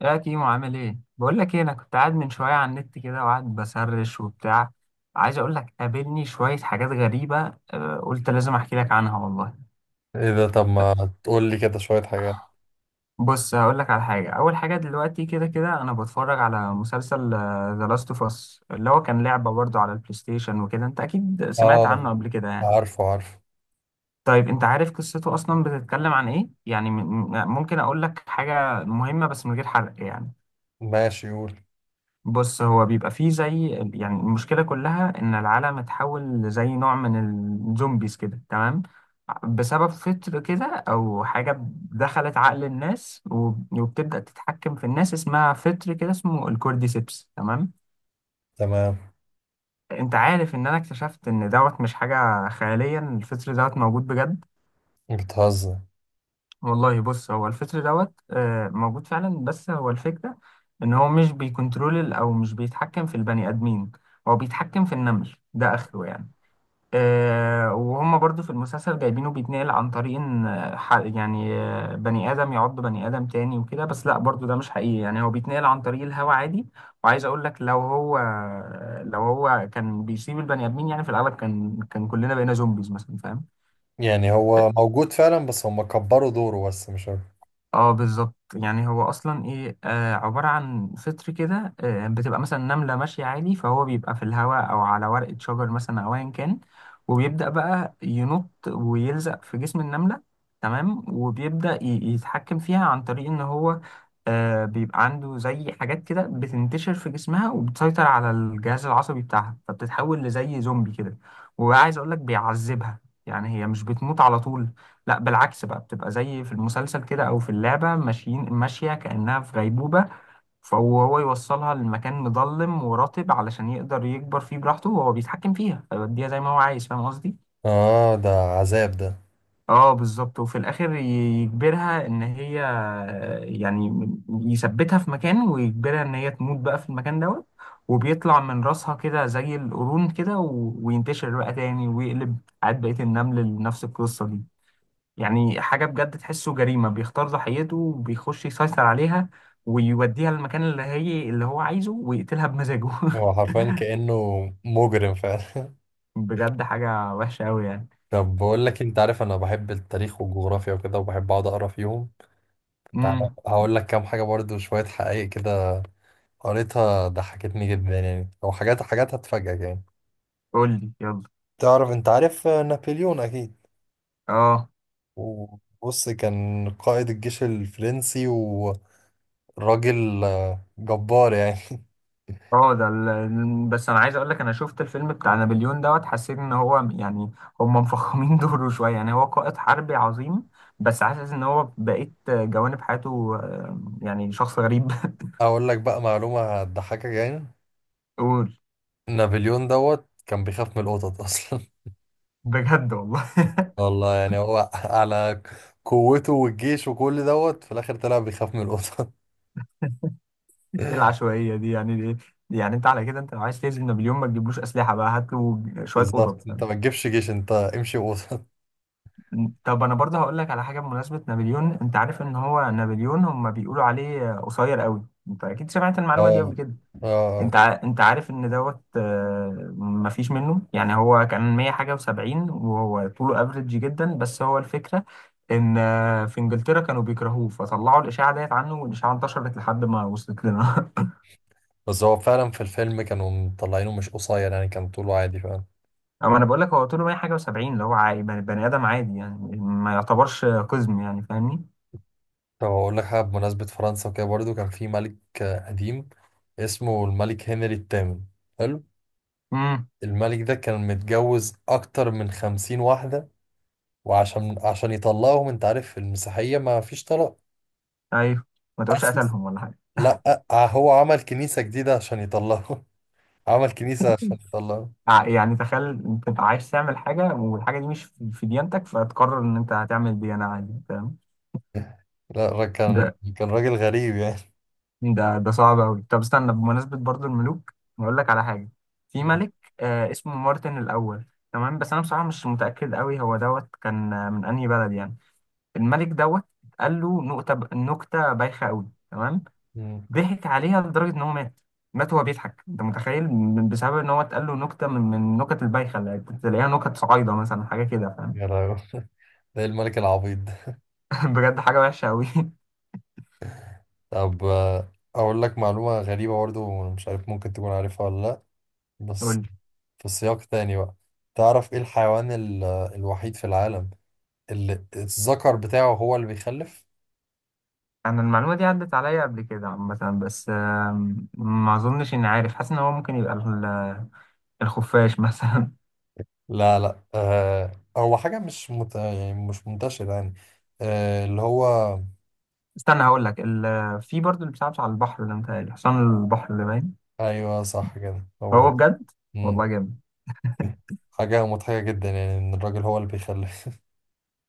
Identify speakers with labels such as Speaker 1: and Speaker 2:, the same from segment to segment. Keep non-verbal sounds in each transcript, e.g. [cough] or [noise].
Speaker 1: يا كيمو عامل ايه؟ بقول لك ايه، انا كنت قاعد من شويه على النت كده وقاعد بسرش وبتاع. عايز اقول لك قابلني شويه حاجات غريبه قلت لازم احكي لك عنها والله.
Speaker 2: ايه ده؟ طب ما تقول لي كده شوية حاجات.
Speaker 1: بص هقول لك على حاجه. اول حاجه دلوقتي كده انا بتفرج على مسلسل ذا لاست اوف اس، اللي هو كان لعبه برضه على البلاي ستيشن وكده. انت اكيد سمعت
Speaker 2: اه،
Speaker 1: عنه قبل كده يعني.
Speaker 2: عارفه عارفه.
Speaker 1: طيب انت عارف قصته اصلا بتتكلم عن ايه يعني؟ ممكن اقول لك حاجه مهمه بس من غير حرق يعني.
Speaker 2: ماشي قول.
Speaker 1: بص هو بيبقى فيه زي، يعني المشكلة كلها إن العالم اتحول لزي نوع من الزومبيز كده، تمام؟ بسبب فطر كده أو حاجة دخلت عقل الناس وبتبدأ تتحكم في الناس، اسمها فطر كده اسمه الكورديسيبس، تمام.
Speaker 2: تمام.
Speaker 1: أنت عارف إن أنا اكتشفت إن دوت مش حاجة خيالية، إن الفطر دوت موجود بجد
Speaker 2: بتهزر؟
Speaker 1: والله. بص هو الفطر دوت موجود فعلا، بس هو الفكرة ان هو مش بيكنترول او مش بيتحكم في البني ادمين، هو بيتحكم في النمل، ده اخره يعني. وهم برضو في المسلسل جايبينه بيتنقل عن طريق ان بني ادم يعض بني ادم تاني وكده، بس لا، برضو ده مش حقيقي، يعني هو بيتنقل عن طريق الهوا عادي. وعايز اقول لك، لو هو كان بيسيب البني ادمين، يعني في الاغلب كان كلنا بقينا زومبيز مثلا، فاهم؟
Speaker 2: يعني هو موجود فعلا بس هم كبروا دوره، بس مش عارف.
Speaker 1: اه بالظبط. يعني هو اصلا ايه، عباره عن فطر كده، بتبقى مثلا نمله ماشيه عادي، فهو بيبقى في الهواء او على ورقه شجر مثلا او ايا كان، وبيبدا بقى ينط ويلزق في جسم النمله، تمام. وبيبدا يتحكم فيها عن طريق ان هو بيبقى عنده زي حاجات كده بتنتشر في جسمها وبتسيطر على الجهاز العصبي بتاعها، فبتتحول لزي زومبي كده. وعايز اقول لك بيعذبها، يعني هي مش بتموت على طول، لا بالعكس بقى، بتبقى زي في المسلسل كده او في اللعبه ماشيه كانها في غيبوبه، فهو يوصلها لمكان مظلم ورطب علشان يقدر يكبر فيه براحته وهو بيتحكم فيها فيوديها زي ما هو عايز، فاهم قصدي؟
Speaker 2: اه، ده عذاب ده.
Speaker 1: اه بالظبط. وفي الاخر يجبرها ان هي، يعني يثبتها في مكان ويجبرها ان هي تموت بقى في المكان دوت، وبيطلع من راسها كده زي القرون كده وينتشر بقى تاني ويقلب عاد بقية النمل لنفس القصة دي. يعني حاجة بجد تحسه جريمة، بيختار ضحيته وبيخش يسيطر عليها ويوديها للمكان اللي هي اللي هو عايزه ويقتلها بمزاجه.
Speaker 2: هو حرفيا كأنه مجرم فعلا. [laughs]
Speaker 1: [laughs] بجد حاجة وحشة أوي يعني.
Speaker 2: طب بقول لك إيه، انت عارف انا بحب التاريخ والجغرافيا وكده وبحب اقعد اقرا فيهم. تعالى
Speaker 1: امم.
Speaker 2: هقول لك كام حاجة برضو، شوية حقائق كده قريتها ضحكتني جدا يعني، او حاجات هتفاجئك يعني.
Speaker 1: قول لي يلا.
Speaker 2: تعرف، انت عارف نابليون اكيد.
Speaker 1: اه.
Speaker 2: وبص، كان قائد الجيش الفرنسي وراجل جبار يعني. [laughs]
Speaker 1: اه ده بس انا عايز اقول لك، انا شفت الفيلم بتاع نابليون دوت، حسيت ان هو يعني هم مفخمين [laughs] دوره شويه. يعني هو قائد حربي عظيم، بس حاسس ان هو بقيت جوانب حياته يعني شخص غريب.
Speaker 2: اقول لك بقى معلومة هتضحكك يعني.
Speaker 1: [laughs] قول.
Speaker 2: نابليون دوت كان بيخاف من القطط اصلا.
Speaker 1: بجد والله؟
Speaker 2: [laughs] والله يعني هو على قوته والجيش وكل دوت، في الاخر طلع بيخاف من القطط. [laughs]
Speaker 1: ايه العشوائيه دي يعني؟ دي يعني انت على كده، انت لو عايز تهزم نابليون ما تجيبلوش اسلحه بقى، هات له شويه قطط،
Speaker 2: بالظبط، انت
Speaker 1: فاهم؟
Speaker 2: ما تجيبش جيش، انت امشي قطط.
Speaker 1: طب انا برضه هقول لك على حاجه بمناسبه نابليون. انت عارف ان هو نابليون هم بيقولوا عليه قصير قوي؟ انت اكيد سمعت
Speaker 2: [laughs] اه.
Speaker 1: المعلومه دي قبل كده.
Speaker 2: اه،
Speaker 1: انت عارف ان دوت مفيش منه. يعني هو كان 100 حاجه و70، وهو طوله افريج جدا. بس هو الفكره ان في انجلترا كانوا بيكرهوه، فطلعوا الاشاعه ديت عنه، والاشاعه انتشرت لحد ما وصلت لنا. [laughs]
Speaker 2: بس هو فعلا في الفيلم كانوا مطلعينه مش قصير، يعني كان طوله عادي.
Speaker 1: اما انا بقول لك هو طوله 100 حاجه و70، اللي هو عادي، بني ادم عادي، يعني ما يعتبرش قزم يعني، فاهمني؟
Speaker 2: طب أقول لك حاجة بمناسبة فرنسا وكده برضو. كان في ملك قديم اسمه الملك هنري الثامن. حلو.
Speaker 1: امم.
Speaker 2: الملك ده كان متجوز أكتر من 50 واحدة. وعشان يطلقهم، أنت عارف المسيحية ما فيش طلاق.
Speaker 1: ايوه. ما
Speaker 2: [laughs]
Speaker 1: تقولش
Speaker 2: أسس،
Speaker 1: قتلهم ولا حاجه.
Speaker 2: لأ هو عمل كنيسة جديدة عشان يطلقهم. [laughs] عمل كنيسة عشان
Speaker 1: [laughs]
Speaker 2: يطلقهم.
Speaker 1: يعني تخيل انت تبقى عايز تعمل حاجه، والحاجه دي مش في ديانتك، فتقرر ان انت هتعمل ديانه، عادي، فاهم؟
Speaker 2: [laughs] لا، كان،
Speaker 1: ده
Speaker 2: كان راجل غريب يعني.
Speaker 1: ده صعب قوي. طب استنى، بمناسبه برضو الملوك هقول لك على حاجه. في ملك
Speaker 2: [laughs]
Speaker 1: آه اسمه مارتن الاول، تمام؟ بس انا بصراحه مش متاكد قوي هو دوت كان من انهي بلد يعني. الملك دوت قال له نكته، نكته بايخه قوي، تمام؟
Speaker 2: مم.
Speaker 1: ضحك عليها لدرجة إن هو مات. مات وهو بيضحك، أنت متخيل بسبب إن هو اتقال له نكتة، من النكت البايخة اللي كنت تلاقيها، نكت صعايدة مثلا، حاجة كده، فاهم؟
Speaker 2: يا لهوي، ده إيه الملك العبيط ده؟
Speaker 1: [laughs] بجد حاجة وحشة أوي. [laughs]
Speaker 2: طب أقول لك معلومة غريبة برضو، مش عارف ممكن تكون عارفها ولا لأ،
Speaker 1: قول
Speaker 2: بس
Speaker 1: لي.
Speaker 2: في سياق تاني بقى. تعرف ايه الحيوان الوحيد في العالم اللي الذكر بتاعه هو اللي بيخلف؟
Speaker 1: أنا المعلومة دي عدت عليا قبل كده عامة، بس ما أظنش إني عارف. حاسس إن هو ممكن يبقى الخفاش مثلا.
Speaker 2: لا لا، آه، هو حاجة مش مت... يعني مش منتشرة يعني. آه اللي هو،
Speaker 1: [laughs] استنى هقول لك في برضه اللي بتلعبش على البحر ده، متهيألي حصان البحر اللي باين.
Speaker 2: ايوه صح كده هو.
Speaker 1: هو بجد؟
Speaker 2: مم.
Speaker 1: والله جامد.
Speaker 2: حاجة مضحكة جدا يعني ان الراجل هو اللي بيخلف.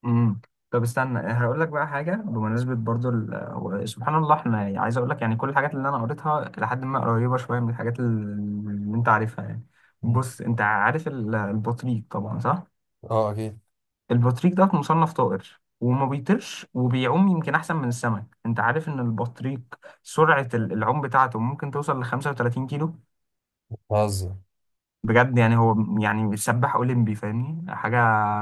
Speaker 1: امم. طب استنى هقول لك بقى حاجه بمناسبه برضو سبحان الله، احنا يعني، عايز اقول لك يعني كل الحاجات اللي انا قريتها لحد ما قريبه شويه من الحاجات اللي انت عارفها يعني.
Speaker 2: مم.
Speaker 1: بص انت عارف البطريق طبعا، صح؟
Speaker 2: اه اكيد.
Speaker 1: البطريق ده مصنف طائر، وما بيطيرش، وبيعوم يمكن احسن من السمك. انت عارف ان البطريق سرعه العوم بتاعته ممكن توصل ل 35 كيلو.
Speaker 2: بهزر؟
Speaker 1: بجد، يعني هو يعني سباح اولمبي، فاهمني؟ حاجه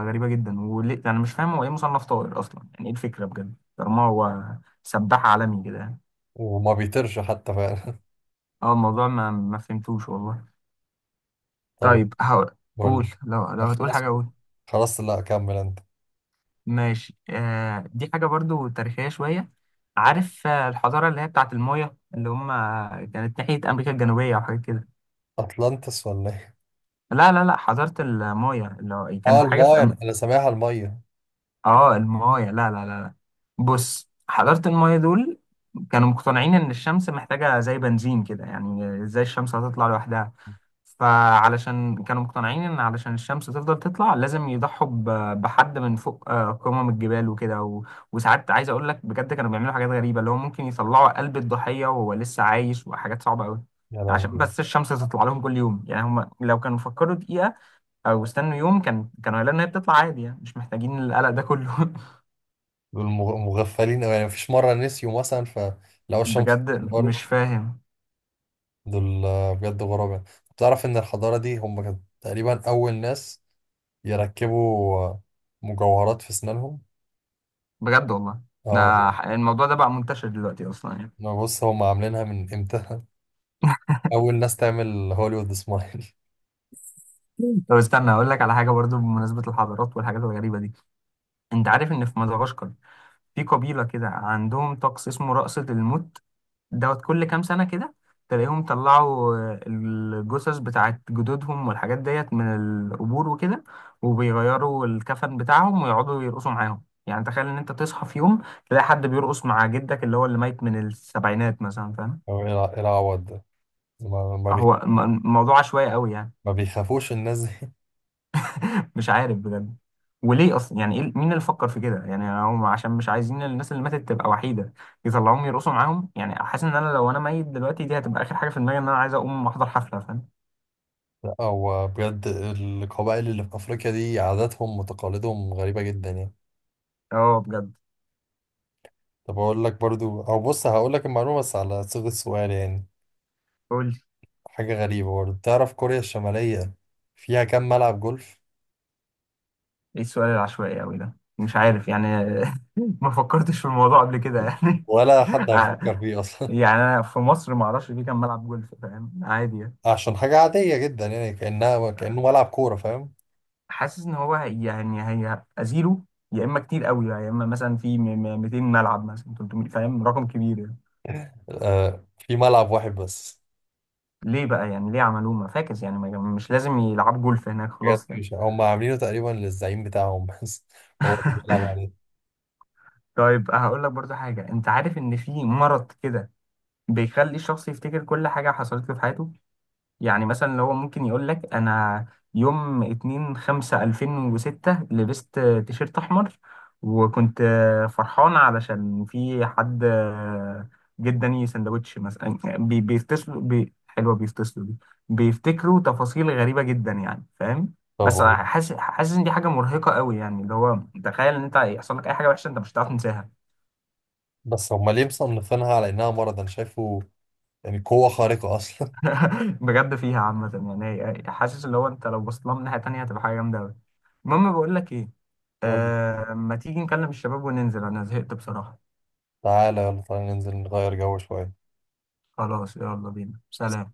Speaker 1: غريبه جدا، وليه انا مش فاهم هو ايه مصنف طائر اصلا يعني؟ ايه الفكره بجد طالما هو سباح عالمي كده؟
Speaker 2: وما بيطيرش حتى فعلا. [laughs]
Speaker 1: اه الموضوع ما فهمتوش والله.
Speaker 2: طب
Speaker 1: طيب هقول.
Speaker 2: قول
Speaker 1: قول،
Speaker 2: لي.
Speaker 1: لو لو هتقول
Speaker 2: خلاص
Speaker 1: حاجه قول.
Speaker 2: خلاص، لا كمل انت.
Speaker 1: ماشي. آه دي حاجه برضو تاريخيه شويه. عارف الحضاره اللي هي بتاعت المايا، اللي هم كانت ناحيه امريكا الجنوبيه او حاجه كده.
Speaker 2: اطلانتس ولا ايه؟
Speaker 1: لا حضاره المايا، اللي هو
Speaker 2: اه
Speaker 1: كانت حاجه في.
Speaker 2: المايه، أنا سامعها المايه.
Speaker 1: اه المايه لا. بص حضارة المايه دول كانوا مقتنعين ان الشمس محتاجة زي بنزين كده. يعني ازاي الشمس هتطلع لوحدها؟ فعلشان كانوا مقتنعين ان علشان الشمس تفضل تطلع لازم يضحوا بحد من فوق قمم الجبال وكده، وساعات عايز اقول لك بجد كانوا بيعملوا حاجات غريبة، اللي هو ممكن يطلعوا قلب الضحية وهو لسه عايش، وحاجات صعبة قوي،
Speaker 2: يا
Speaker 1: عشان
Speaker 2: لهوي.
Speaker 1: بس الشمس تطلع لهم كل يوم. يعني هم لو كانوا فكروا دقيقة او استنوا يوم كان كانوا هيلاقوا ان هي بتطلع عادي، يعني مش محتاجين القلق ده كله. [laughs]
Speaker 2: دول مغفلين أوي يعني، مفيش مرة نسيوا مثلا فلقوا الشمس
Speaker 1: بجد
Speaker 2: طلعت
Speaker 1: مش
Speaker 2: برضه؟
Speaker 1: فاهم.
Speaker 2: دول بجد غراب يعني. تعرف إن الحضارة دي هم كانوا تقريبا أول ناس يركبوا مجوهرات في أسنانهم؟
Speaker 1: بجد والله.
Speaker 2: اه.
Speaker 1: الموضوع ده بقى منتشر دلوقتي اصلا يعني.
Speaker 2: ما بص، هم عاملينها من إمتى. [laughs] أول ناس تعمل هوليوود سمايل. [laughs]
Speaker 1: طب استنى اقول لك على حاجه برضو بمناسبه الحضارات والحاجات الغريبه دي. انت عارف ان في مدغشقر في قبيله كده عندهم طقس اسمه رقصه الموت؟ دوت كل كام سنه كده تلاقيهم طلعوا الجثث بتاعت جدودهم والحاجات ديت من القبور وكده، وبيغيروا الكفن بتاعهم ويقعدوا يرقصوا معاهم. يعني تخيل ان انت تصحى في يوم تلاقي حد بيرقص مع جدك اللي هو اللي ميت من السبعينات مثلا، فاهم؟
Speaker 2: أو إيه إيه العوض ده؟ ما ما بي-
Speaker 1: هو الموضوع عشوائي قوي يعني.
Speaker 2: ما بيخافوش الناس دي؟
Speaker 1: [laughs] مش عارف بجد. وليه اصلا يعني؟ إيه مين اللي فكر في كده يعني؟ هم عشان مش عايزين الناس اللي ماتت تبقى وحيده يطلعوهم يرقصوا معاهم يعني. حاسس ان انا لو انا ميت دلوقتي دي هتبقى اخر حاجه في دماغي ان انا عايز اقوم احضر حفله، فاهم؟
Speaker 2: [laughs] أو بجد القبائل اللي في أفريقيا دي عاداتهم وتقاليدهم غريبة جدا يعني.
Speaker 1: اه بجد.
Speaker 2: طب اقول لك برضو، او بص هقول لك المعلومه بس على صيغه سؤال يعني.
Speaker 1: قول لي.
Speaker 2: حاجه غريبه برضو، تعرف كوريا الشماليه فيها كام ملعب جولف؟
Speaker 1: ايه السؤال العشوائي قوي ده؟ مش عارف يعني. [laughs] ما فكرتش في الموضوع قبل كده يعني.
Speaker 2: ولا حد هيفكر فيه
Speaker 1: [laughs]
Speaker 2: اصلا.
Speaker 1: يعني انا في مصر ما اعرفش في كام ملعب جولف، فاهم؟ عادي يعني.
Speaker 2: [laughs] عشان حاجه عاديه جدا يعني، كانه ملعب كوره فاهم.
Speaker 1: حاسس ان هو يعني هيبقى زيرو، يا اما كتير قوي بقى، يا اما مثلا في 200 ملعب مثلا، 300، فاهم؟ رقم كبير يعني.
Speaker 2: آه في ملعب واحد بس.
Speaker 1: ليه بقى يعني؟ ليه عملوه؟ ما فاكس يعني، مش لازم يلعب جولف هناك
Speaker 2: بجد؟
Speaker 1: خلاص يعني.
Speaker 2: مش هم عاملينه تقريبا للزعيم بتاعهم بس، [laughs] هو اللي بيلعب
Speaker 1: [laughs]
Speaker 2: عليه.
Speaker 1: طيب هقول لك برضو حاجه. انت عارف ان في مرض كده بيخلي الشخص يفتكر كل حاجه حصلت له في حياته؟ يعني مثلا اللي هو ممكن يقول لك انا يوم 2 5 2006 لبست تيشيرت احمر، وكنت فرحان علشان في حد جه اداني سندوتش مثلا يعني. بيفتصلوا بي حلوه بيفتصلوا دي، بيفتكروا تفاصيل غريبه جدا يعني، فاهم؟
Speaker 2: طب
Speaker 1: بس
Speaker 2: هو،
Speaker 1: حاسس، حاسس ان دي حاجه مرهقه قوي يعني، اللي هو تخيل ان انت يحصل لك اي حاجه وحشه انت مش هتعرف تنساها.
Speaker 2: بس هم ليه مصنفينها على انها مرض؟ انا شايفه يعني قوه خارقه اصلا. [laughs]
Speaker 1: [laughs] بجد فيها عامة. يعني حاسس اللي هو انت لو بصيت لها من ناحية تانية هتبقى حاجة جامدة أوي. المهم بقول لك ايه،
Speaker 2: قول.
Speaker 1: آه ما تيجي نكلم الشباب وننزل، انا زهقت بصراحة.
Speaker 2: تعالى يلا، تعالى ننزل نغير جو شويه.
Speaker 1: خلاص يلا بينا، سلام.